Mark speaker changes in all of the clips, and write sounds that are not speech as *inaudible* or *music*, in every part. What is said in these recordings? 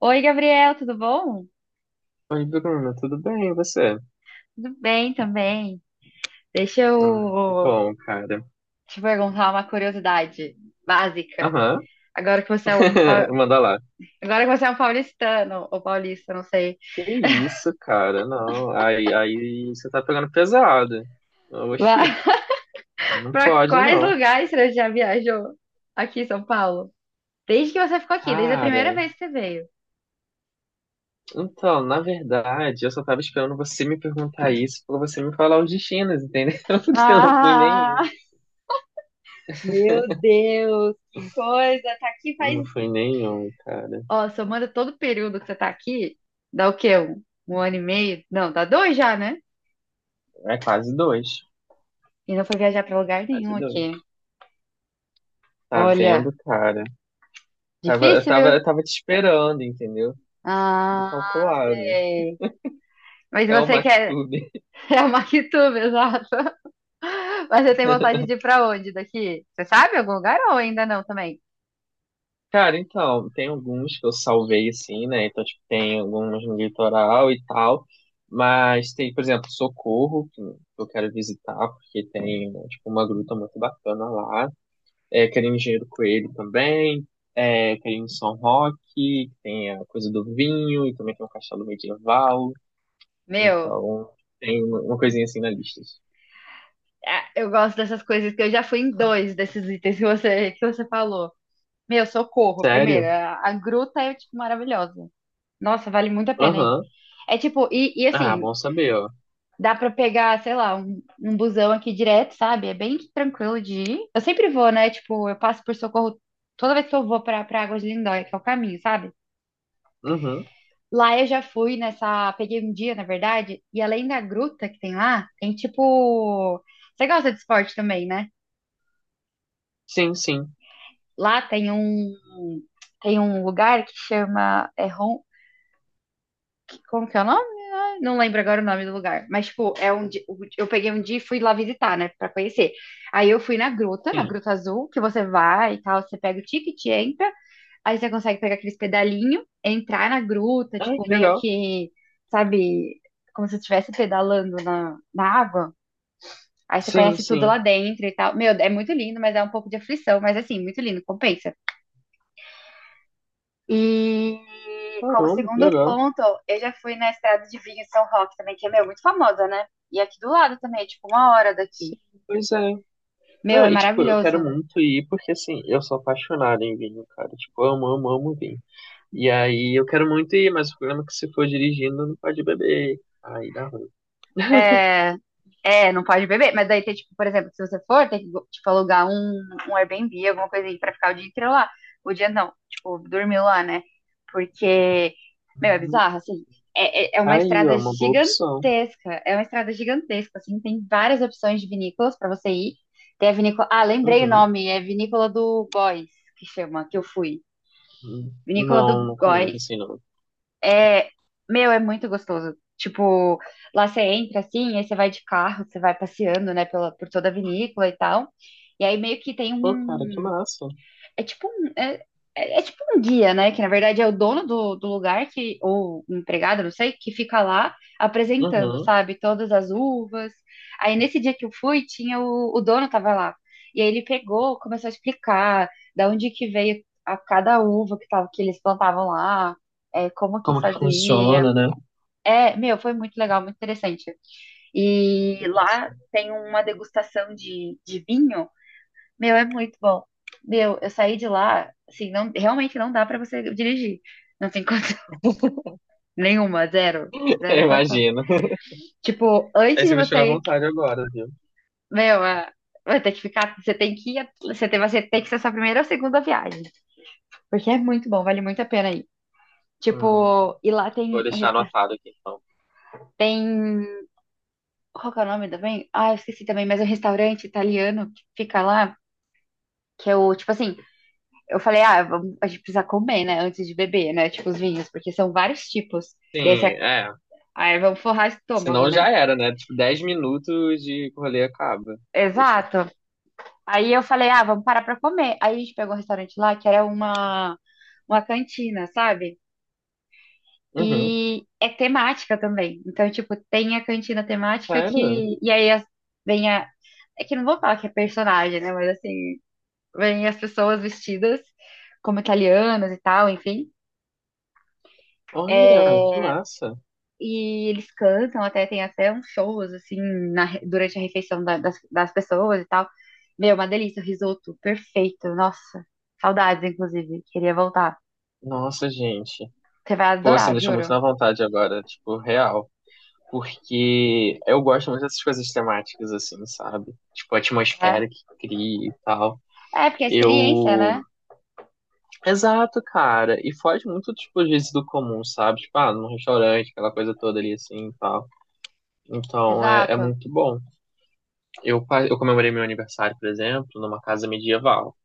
Speaker 1: Oi, Gabriel, tudo bom?
Speaker 2: Oi, Bruno, tudo bem, e você?
Speaker 1: Tudo bem também. Deixa
Speaker 2: Ah, que
Speaker 1: eu
Speaker 2: bom, cara.
Speaker 1: te perguntar uma curiosidade básica.
Speaker 2: Aham.
Speaker 1: Agora que você é um, pau-
Speaker 2: *laughs* Manda lá.
Speaker 1: agora que você é um paulistano, ou paulista, não sei.
Speaker 2: Que isso, cara, não, aí você tá pegando pesado. Oxi, não
Speaker 1: Para *laughs*
Speaker 2: pode,
Speaker 1: quais
Speaker 2: não.
Speaker 1: lugares você já viajou aqui em São Paulo? Desde que você ficou aqui, desde a
Speaker 2: Cara,
Speaker 1: primeira vez que você veio.
Speaker 2: então, na verdade, eu só tava esperando você me perguntar isso pra você me falar os destinos, entendeu? *laughs* Porque eu não fui nenhum.
Speaker 1: Ah, meu Deus, que coisa! Tá aqui faz.
Speaker 2: Não fui nenhum, cara.
Speaker 1: Ó, somando todo o período que você tá aqui, dá o quê? Um ano e meio? Não, dá dois já, né?
Speaker 2: É quase dois,
Speaker 1: E não foi viajar pra lugar
Speaker 2: quase
Speaker 1: nenhum aqui.
Speaker 2: dois. Tá
Speaker 1: Olha,
Speaker 2: vendo, cara? Tava, eu
Speaker 1: difícil,
Speaker 2: tava,
Speaker 1: viu?
Speaker 2: eu tava te esperando, entendeu? Tudo
Speaker 1: Ah, não
Speaker 2: calculado.
Speaker 1: sei. Mas
Speaker 2: É o
Speaker 1: você quer
Speaker 2: MacTube. *laughs*
Speaker 1: *laughs* é a Maquituba, exato. Mas você tem vontade de ir pra onde daqui? Você sabe algum lugar ou ainda não também?
Speaker 2: Cara, então, tem alguns que eu salvei, assim, né? Então, tipo, tem alguns no litoral e tal. Mas tem, por exemplo, Socorro, que eu quero visitar, porque tem, né, tipo, uma gruta muito bacana lá. É, quero ir em Engenheiro Coelho também. É, quero ir em São Roque, que tem a coisa do vinho, e também tem um castelo medieval.
Speaker 1: Meu,
Speaker 2: Então, tem uma coisinha assim na lista.
Speaker 1: ah, eu gosto dessas coisas que eu já fui em dois desses itens que você, falou. Meu, Socorro, primeiro.
Speaker 2: Sério?
Speaker 1: A gruta é, tipo, maravilhosa. Nossa, vale muito a pena ir.
Speaker 2: Aham.
Speaker 1: É tipo, e
Speaker 2: Ah,
Speaker 1: assim,
Speaker 2: bom saber, ó.
Speaker 1: dá pra pegar, sei lá, um busão aqui direto, sabe? É bem tranquilo de ir. Eu sempre vou, né? Tipo, eu passo por Socorro toda vez que eu vou pra Águas de Lindóia, que é o caminho, sabe?
Speaker 2: Uhum.
Speaker 1: Lá eu já fui nessa. Peguei um dia, na verdade, e além da gruta que tem lá, tem tipo. Você gosta de esporte também, né?
Speaker 2: Sim, sim,
Speaker 1: Lá tem um. Tem um lugar que chama. Como que é o nome? Não lembro agora o nome do lugar, mas tipo, eu peguei um dia e fui lá visitar, né, pra conhecer. Aí eu fui na
Speaker 2: sim.
Speaker 1: Gruta Azul, que você vai e tal, você pega o ticket, entra, aí você consegue pegar aqueles pedalinho, entrar na gruta,
Speaker 2: Ai,
Speaker 1: tipo,
Speaker 2: que
Speaker 1: meio
Speaker 2: legal.
Speaker 1: que, sabe, como se você estivesse pedalando na água. Aí você
Speaker 2: Sim,
Speaker 1: conhece tudo
Speaker 2: sim.
Speaker 1: lá dentro e tal. Meu, é muito lindo, mas é um pouco de aflição, mas assim, muito lindo, compensa. E como
Speaker 2: Caramba, que
Speaker 1: segundo
Speaker 2: legal.
Speaker 1: ponto, eu já fui na Estrada de Vinho em São Roque também, que é, meu, muito famosa, né? E aqui do lado também, é tipo, uma hora daqui.
Speaker 2: Sim, pois é.
Speaker 1: Meu,
Speaker 2: Não,
Speaker 1: é
Speaker 2: e tipo, eu quero
Speaker 1: maravilhoso.
Speaker 2: muito ir porque assim, eu sou apaixonado em vinho, cara. Tipo, amo, amo, amo vinho. E aí eu quero muito ir, mas o problema é que se for dirigindo não pode beber. Aí dá ruim.
Speaker 1: É, é, não pode beber. Mas daí tem, tipo, por exemplo, se você for, tem que, tipo, alugar um Airbnb, alguma coisa aí pra ficar o dia inteiro lá. O dia não, tipo, dormir lá, né? Porque, meu, é
Speaker 2: Hum,
Speaker 1: bizarro, assim. É uma
Speaker 2: Aí,
Speaker 1: estrada
Speaker 2: ó, uma boa opção.
Speaker 1: gigantesca. É uma estrada gigantesca, assim. Tem várias opções de vinícolas pra você ir. Tem a vinícola. Ah, lembrei o
Speaker 2: Uhum.
Speaker 1: nome. É Vinícola do Góis, que chama, que eu fui. Vinícola do
Speaker 2: Não, não conheço
Speaker 1: Góis.
Speaker 2: assim, não.
Speaker 1: É, meu, é muito gostoso. Tipo, lá você entra assim, aí você vai de carro, você vai passeando, né, pela, por toda a vinícola e tal. E aí meio que tem
Speaker 2: Pô, cara, que
Speaker 1: um.
Speaker 2: massa.
Speaker 1: É tipo um. É tipo um guia, né? Que na verdade é o dono do lugar que, ou um empregado, não sei, que fica lá apresentando,
Speaker 2: Uhum.
Speaker 1: sabe? Todas as uvas. Aí nesse dia que eu fui, tinha o dono tava lá. E aí ele pegou, começou a explicar da onde que veio a cada uva que tava, que eles plantavam lá, é, como que
Speaker 2: Como que
Speaker 1: fazia.
Speaker 2: funciona, né?
Speaker 1: É, meu, foi muito legal, muito interessante. E
Speaker 2: Nossa.
Speaker 1: lá tem uma degustação de vinho. Meu, é muito bom. Meu, eu saí de lá, assim, não, realmente não dá pra você dirigir. Não tem condição *laughs* nenhuma, zero.
Speaker 2: *laughs*
Speaker 1: Zero
Speaker 2: Eu
Speaker 1: condição.
Speaker 2: imagino.
Speaker 1: Tipo, antes
Speaker 2: Aí você
Speaker 1: de
Speaker 2: me tirou à
Speaker 1: você ir,
Speaker 2: vontade agora, viu?
Speaker 1: meu, é, vai ter que ficar, você tem que ir, você tem que ser a sua primeira ou segunda viagem. Porque é muito bom, vale muito a pena ir.
Speaker 2: Hum,
Speaker 1: Tipo, e lá
Speaker 2: Vou
Speaker 1: tem um
Speaker 2: deixar anotado aqui, então.
Speaker 1: tem qual que é o nome também? Ah, eu esqueci também, mas é um restaurante italiano que fica lá que eu, tipo assim, eu falei, ah, a gente precisa comer, né, antes de beber, né, tipo os vinhos, porque são vários tipos. E aí, você,
Speaker 2: Sim, é.
Speaker 1: aí vamos forrar estômago,
Speaker 2: Senão
Speaker 1: né?
Speaker 2: já era, né? Tipo, 10 minutos de rolê acaba. Poxa.
Speaker 1: Exato. Aí eu falei, ah, vamos parar pra comer. Aí a gente pegou um restaurante lá que era uma cantina, sabe?
Speaker 2: Uhum.
Speaker 1: E é temática também. Então, tipo, tem a cantina temática
Speaker 2: Sério?
Speaker 1: que. E aí vem a. É que não vou falar que é personagem, né? Mas assim, vem as pessoas vestidas como italianas e tal, enfim.
Speaker 2: Olha, que
Speaker 1: É,
Speaker 2: massa.
Speaker 1: e eles cantam, até tem até uns shows, assim, durante a refeição das pessoas e tal. Meu, uma delícia, o risoto, perfeito, nossa, saudades, inclusive, queria voltar.
Speaker 2: Nossa, gente.
Speaker 1: Você vai
Speaker 2: Pô, você
Speaker 1: adorar,
Speaker 2: me deixou muito
Speaker 1: juro.
Speaker 2: na vontade agora, tipo, real. Porque eu gosto muito dessas coisas temáticas, assim, sabe? Tipo, a
Speaker 1: É,
Speaker 2: atmosfera que cria e tal.
Speaker 1: é porque é experiência,
Speaker 2: Eu.
Speaker 1: né?
Speaker 2: Exato, cara. E foge muito, tipo, às vezes do comum, sabe? Tipo, ah, num restaurante, aquela coisa toda ali, assim e tal. Então, é
Speaker 1: Exato.
Speaker 2: muito bom. Eu comemorei meu aniversário, por exemplo, numa casa medieval.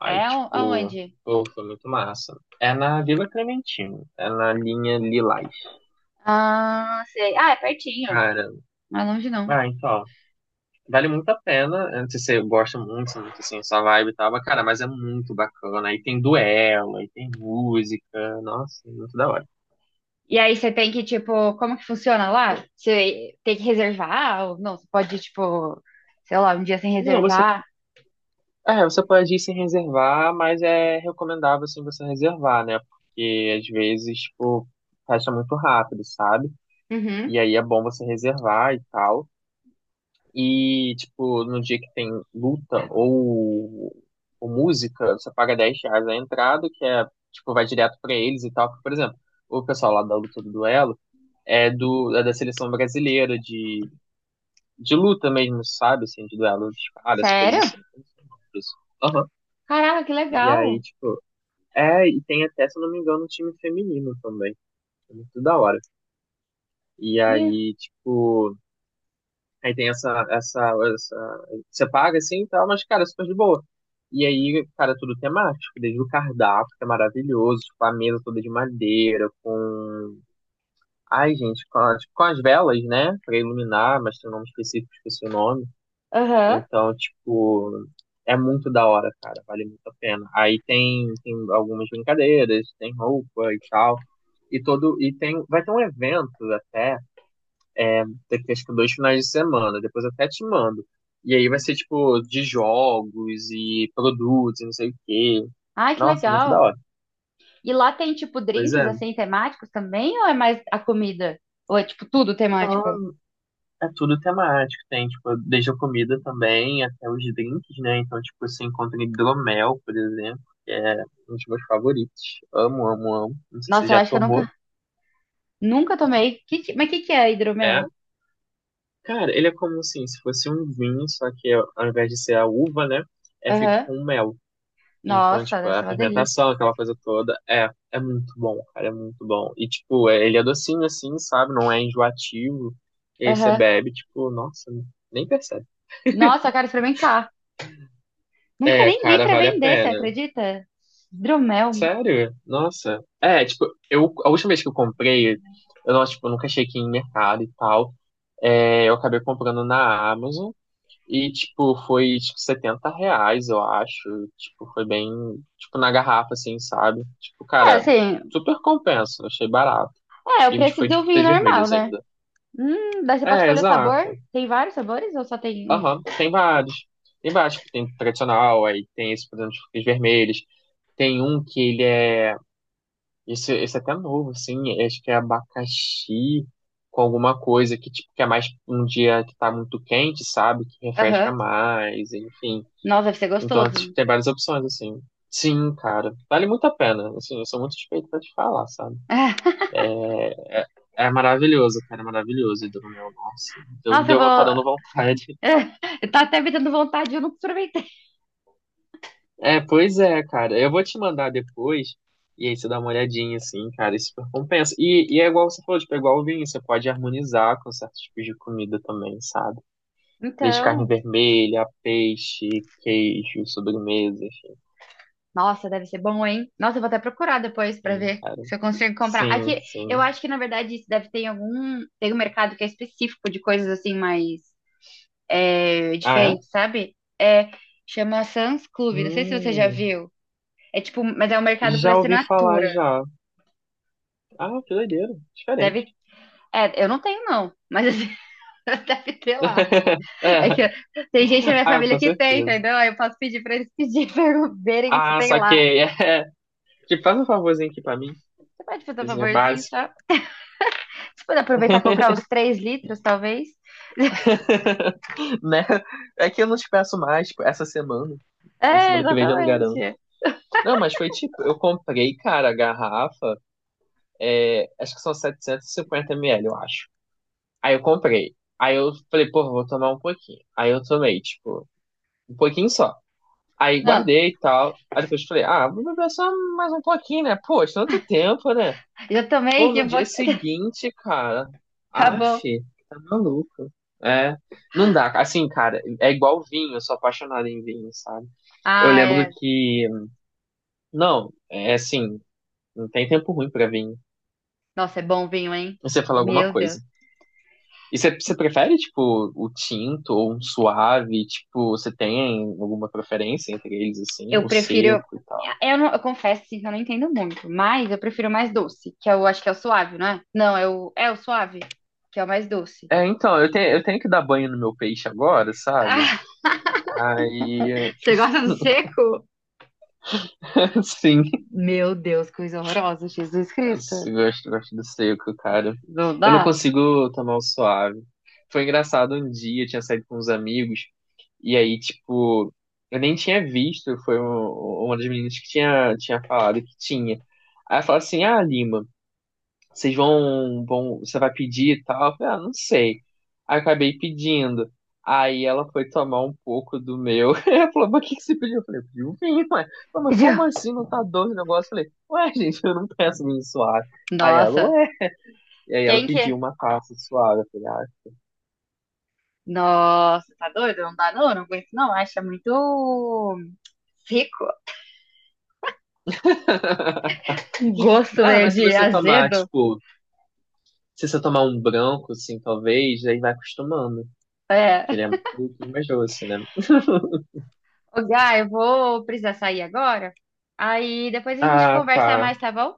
Speaker 2: Aí, tipo,
Speaker 1: Aonde?
Speaker 2: pô, foi muito massa. É na Vila Clementino, é na linha Lilás.
Speaker 1: Ah, sei. Ah, é pertinho,
Speaker 2: Cara,
Speaker 1: não é longe não.
Speaker 2: ah, então, vale muito a pena. Eu não sei se você gosta muito, se é muito assim, sua vibe e tal, mas, cara, mas é muito bacana. Aí tem duelo, aí tem música, nossa, muito da hora.
Speaker 1: E aí você tem que, tipo, como que funciona lá? Você tem que reservar? Ou não, você pode, tipo, sei lá, um dia sem
Speaker 2: Não, você,
Speaker 1: reservar?
Speaker 2: é, você pode ir sem reservar, mas é recomendável, assim, você reservar, né? Porque, às vezes, tipo, fecha muito rápido, sabe?
Speaker 1: Uhum.
Speaker 2: E aí é bom você reservar e tal. E, tipo, no dia que tem luta ou música, você paga 10 reais a entrada, que é, tipo, vai direto pra eles e tal. Porque, por exemplo, o pessoal lá da luta do duelo é do é da seleção brasileira de luta mesmo, sabe? Assim, de duelo de caras, essas coisas
Speaker 1: Sério?
Speaker 2: assim. Eu não sei o nome disso. Aham.
Speaker 1: Caraca, que
Speaker 2: E aí,
Speaker 1: legal.
Speaker 2: tipo, é, e tem até, se eu não me engano, um time feminino também. É muito da hora. E
Speaker 1: Me-
Speaker 2: aí, tipo, Aí tem essa. Você paga assim e tal, mas, cara, é super de boa. E aí, cara, tudo temático, desde o cardápio, que é maravilhoso, tipo, a mesa toda de madeira, com. Ai, gente, com, tipo, com as velas, né? Pra iluminar, mas tem um nome específico, esqueci o nome.
Speaker 1: Aham.
Speaker 2: Então, tipo, é muito da hora, cara, vale muito a pena. Aí tem algumas brincadeiras, tem roupa e tal. E todo. E tem. Vai ter um evento até daqui acho que 2 finais de semana, depois eu até te mando. E aí vai ser tipo de jogos e produtos e não sei o quê.
Speaker 1: Ai, que
Speaker 2: Nossa, muito da
Speaker 1: legal.
Speaker 2: hora.
Speaker 1: E lá tem, tipo,
Speaker 2: Pois
Speaker 1: drinks,
Speaker 2: é.
Speaker 1: assim, temáticos também? Ou é mais a comida? Ou é, tipo, tudo temático?
Speaker 2: Não, é tudo temático. Tem, tipo, desde a comida também até os drinks, né? Então, tipo, você encontra hidromel, por exemplo, que é um dos meus favoritos. Amo, amo, amo. Não sei se você
Speaker 1: Nossa, eu
Speaker 2: já
Speaker 1: acho que eu
Speaker 2: tomou.
Speaker 1: nunca tomei. Mas o que que é
Speaker 2: É.
Speaker 1: hidromel?
Speaker 2: Cara, ele é como assim, se fosse um vinho, só que ao invés de ser a uva, né? É feito
Speaker 1: Aham.
Speaker 2: com mel. Então,
Speaker 1: Nossa,
Speaker 2: tipo,
Speaker 1: deve
Speaker 2: é a
Speaker 1: ser uma delícia.
Speaker 2: fermentação, aquela coisa toda, é muito bom, cara, é muito bom. E, tipo, ele é docinho assim, sabe? Não é enjoativo. E aí você
Speaker 1: Aham.
Speaker 2: bebe, tipo, nossa, nem percebe.
Speaker 1: Nossa, eu quero experimentar. Nunca
Speaker 2: É,
Speaker 1: nem vi
Speaker 2: cara,
Speaker 1: pra
Speaker 2: vale a
Speaker 1: vender, você
Speaker 2: pena.
Speaker 1: acredita? Hidromel.
Speaker 2: Sério? Nossa. É, tipo, eu, a última vez que eu comprei, eu, não, tipo, eu nunca achei que ia em mercado e tal. É, eu acabei comprando na Amazon. E, tipo, foi, tipo, 70 reais, eu acho. Tipo, foi bem, tipo, na garrafa, assim, sabe? Tipo,
Speaker 1: É,
Speaker 2: cara,
Speaker 1: assim,
Speaker 2: super compensa, achei barato.
Speaker 1: é o
Speaker 2: E
Speaker 1: preço
Speaker 2: foi de
Speaker 1: do vinho
Speaker 2: frutas
Speaker 1: normal,
Speaker 2: vermelhas
Speaker 1: né?
Speaker 2: ainda.
Speaker 1: Daí você pode
Speaker 2: É,
Speaker 1: escolher o sabor.
Speaker 2: exato.
Speaker 1: Tem vários sabores ou só tem um?
Speaker 2: Aham, tem vários. Tem vários, tipo, tem tradicional, aí tem esse, por exemplo, de frutas vermelhas. Tem um que ele é, esse é até novo, assim, acho que é abacaxi com alguma coisa que, tipo, que é mais um dia que tá muito quente, sabe? Que refresca
Speaker 1: Aham.
Speaker 2: mais, enfim.
Speaker 1: Nossa, deve ser
Speaker 2: Então,
Speaker 1: gostoso.
Speaker 2: tipo, tem várias opções, assim. Sim, cara. Vale muito a pena. Assim, eu sou muito suspeito pra te falar, sabe?
Speaker 1: *laughs*
Speaker 2: É maravilhoso, cara. É maravilhoso. E do meu, nossa.
Speaker 1: Nossa, eu
Speaker 2: Tá
Speaker 1: vou.
Speaker 2: dando vontade. *laughs*
Speaker 1: *laughs* Tá até me dando vontade, eu não aproveitei.
Speaker 2: É, pois é, cara. Eu vou te mandar depois. E aí você dá uma olhadinha, assim, cara. Isso super compensa. E é igual você falou, tipo, é igual o vinho. Você pode harmonizar com certos tipos de comida também, sabe? Desde carne
Speaker 1: Então,
Speaker 2: vermelha, peixe, queijo, sobremesa,
Speaker 1: nossa, deve ser bom, hein? Nossa, eu vou até procurar depois pra
Speaker 2: enfim,
Speaker 1: ver
Speaker 2: cara.
Speaker 1: se eu consigo comprar.
Speaker 2: Sim,
Speaker 1: Aqui, eu
Speaker 2: sim.
Speaker 1: acho que na verdade isso deve ter em algum. Tem um mercado que é específico de coisas assim mais é,
Speaker 2: Ah,
Speaker 1: diferentes, sabe? É, chama Sam's
Speaker 2: é?
Speaker 1: Club, não sei se você já
Speaker 2: Hum.
Speaker 1: viu. É tipo, mas é um mercado por
Speaker 2: Já ouvi falar
Speaker 1: assinatura.
Speaker 2: já. Ah, que doideira. Diferente.
Speaker 1: Deve. É, eu não tenho, não, mas assim, *laughs* deve ter lá.
Speaker 2: *laughs* É,
Speaker 1: É que tem gente na minha
Speaker 2: ah, com
Speaker 1: família que tem,
Speaker 2: certeza.
Speaker 1: entendeu? Aí eu posso pedir pra eles pedir, *laughs* pra eles verem se
Speaker 2: Ah,
Speaker 1: tem lá.
Speaker 2: saquei. *laughs* É. Tipo, faz um favorzinho aqui pra mim.
Speaker 1: Você pode fazer um
Speaker 2: Coisinha
Speaker 1: favorzinho
Speaker 2: básica.
Speaker 1: só? Você pode aproveitar e comprar os 3 litros, talvez?
Speaker 2: *laughs* Né? É que eu não te peço mais, tipo, essa semana. Na
Speaker 1: É,
Speaker 2: semana que vem já não garanto.
Speaker 1: exatamente.
Speaker 2: Não, mas foi tipo, eu comprei, cara, a garrafa. É, acho que são 750 ml, eu acho. Aí eu comprei. Aí eu falei, pô, vou tomar um pouquinho. Aí eu tomei, tipo, um pouquinho só. Aí
Speaker 1: Ah,
Speaker 2: guardei e tal. Aí depois eu falei, ah, vou beber só mais um pouquinho, né? Pô, tanto tempo, né?
Speaker 1: eu tomei
Speaker 2: Pô,
Speaker 1: que
Speaker 2: no
Speaker 1: um
Speaker 2: dia
Speaker 1: pouquinho.
Speaker 2: seguinte, cara. Aff,
Speaker 1: Acabou.
Speaker 2: tá maluco. É, não dá. Assim, cara, é igual vinho, eu sou apaixonado em vinho, sabe? Eu
Speaker 1: Ah,
Speaker 2: lembro
Speaker 1: é.
Speaker 2: que. Não, é assim, não tem tempo ruim pra vinho.
Speaker 1: Nossa, é bom vinho, hein?
Speaker 2: Você fala alguma
Speaker 1: Meu Deus.
Speaker 2: coisa. E você prefere, tipo, o tinto ou um suave? Tipo, você tem alguma preferência entre eles, assim?
Speaker 1: Eu
Speaker 2: O
Speaker 1: prefiro.
Speaker 2: seco e tal?
Speaker 1: Eu, não, eu confesso assim, que eu não entendo muito, mas eu prefiro mais doce, que eu acho que é o suave, não é? Não, é o suave, que é o mais doce.
Speaker 2: É, então, eu tenho que dar banho no meu peixe agora, sabe?
Speaker 1: Ah,
Speaker 2: Aí,
Speaker 1: *laughs* você gosta do seco?
Speaker 2: *laughs* sim.
Speaker 1: Meu Deus, coisa horrorosa, Jesus Cristo.
Speaker 2: Eu gosto, gosto do seco, cara.
Speaker 1: Não
Speaker 2: Eu não
Speaker 1: dá?
Speaker 2: consigo tomar o suave. Foi engraçado um dia, eu tinha saído com uns amigos, e aí, tipo, eu nem tinha visto, foi uma das meninas que tinha falado que tinha. Aí ela falou assim, ah, Lima, você vai pedir e tal? Eu falei, ah, não sei. Aí eu acabei pedindo. Aí ela foi tomar um pouco do meu. *laughs* Ela falou, mas o que que você pediu? Eu falei, eu pedi um vinho, ué. Ela falou, mas como
Speaker 1: *laughs*
Speaker 2: assim não tá doce o negócio? Eu falei, ué, *laughs* gente, eu não peço vinho suave. Aí ela,
Speaker 1: Nossa,
Speaker 2: ué. E aí ela
Speaker 1: quem que é?
Speaker 2: pediu uma taça suave. Eu falei,
Speaker 1: Nossa, tá doido? Não dá não, não aguento não. Acha muito rico.
Speaker 2: ah. *laughs*
Speaker 1: Um gosto
Speaker 2: Ah,
Speaker 1: meio
Speaker 2: mas se
Speaker 1: de
Speaker 2: você tomar,
Speaker 1: azedo.
Speaker 2: tipo, se você tomar um branco, assim, talvez, aí vai acostumando. Que ele
Speaker 1: É.
Speaker 2: é um pouquinho mais doce, né? *laughs*
Speaker 1: Ô, Gá, eu vou precisar sair agora. Aí depois a gente
Speaker 2: Ah,
Speaker 1: conversa
Speaker 2: tá.
Speaker 1: mais, tá bom?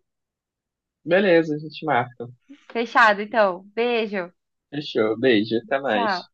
Speaker 2: Beleza, a gente marca.
Speaker 1: Fechado, então. Beijo.
Speaker 2: Fechou. Beijo. Até
Speaker 1: Tchau.
Speaker 2: mais.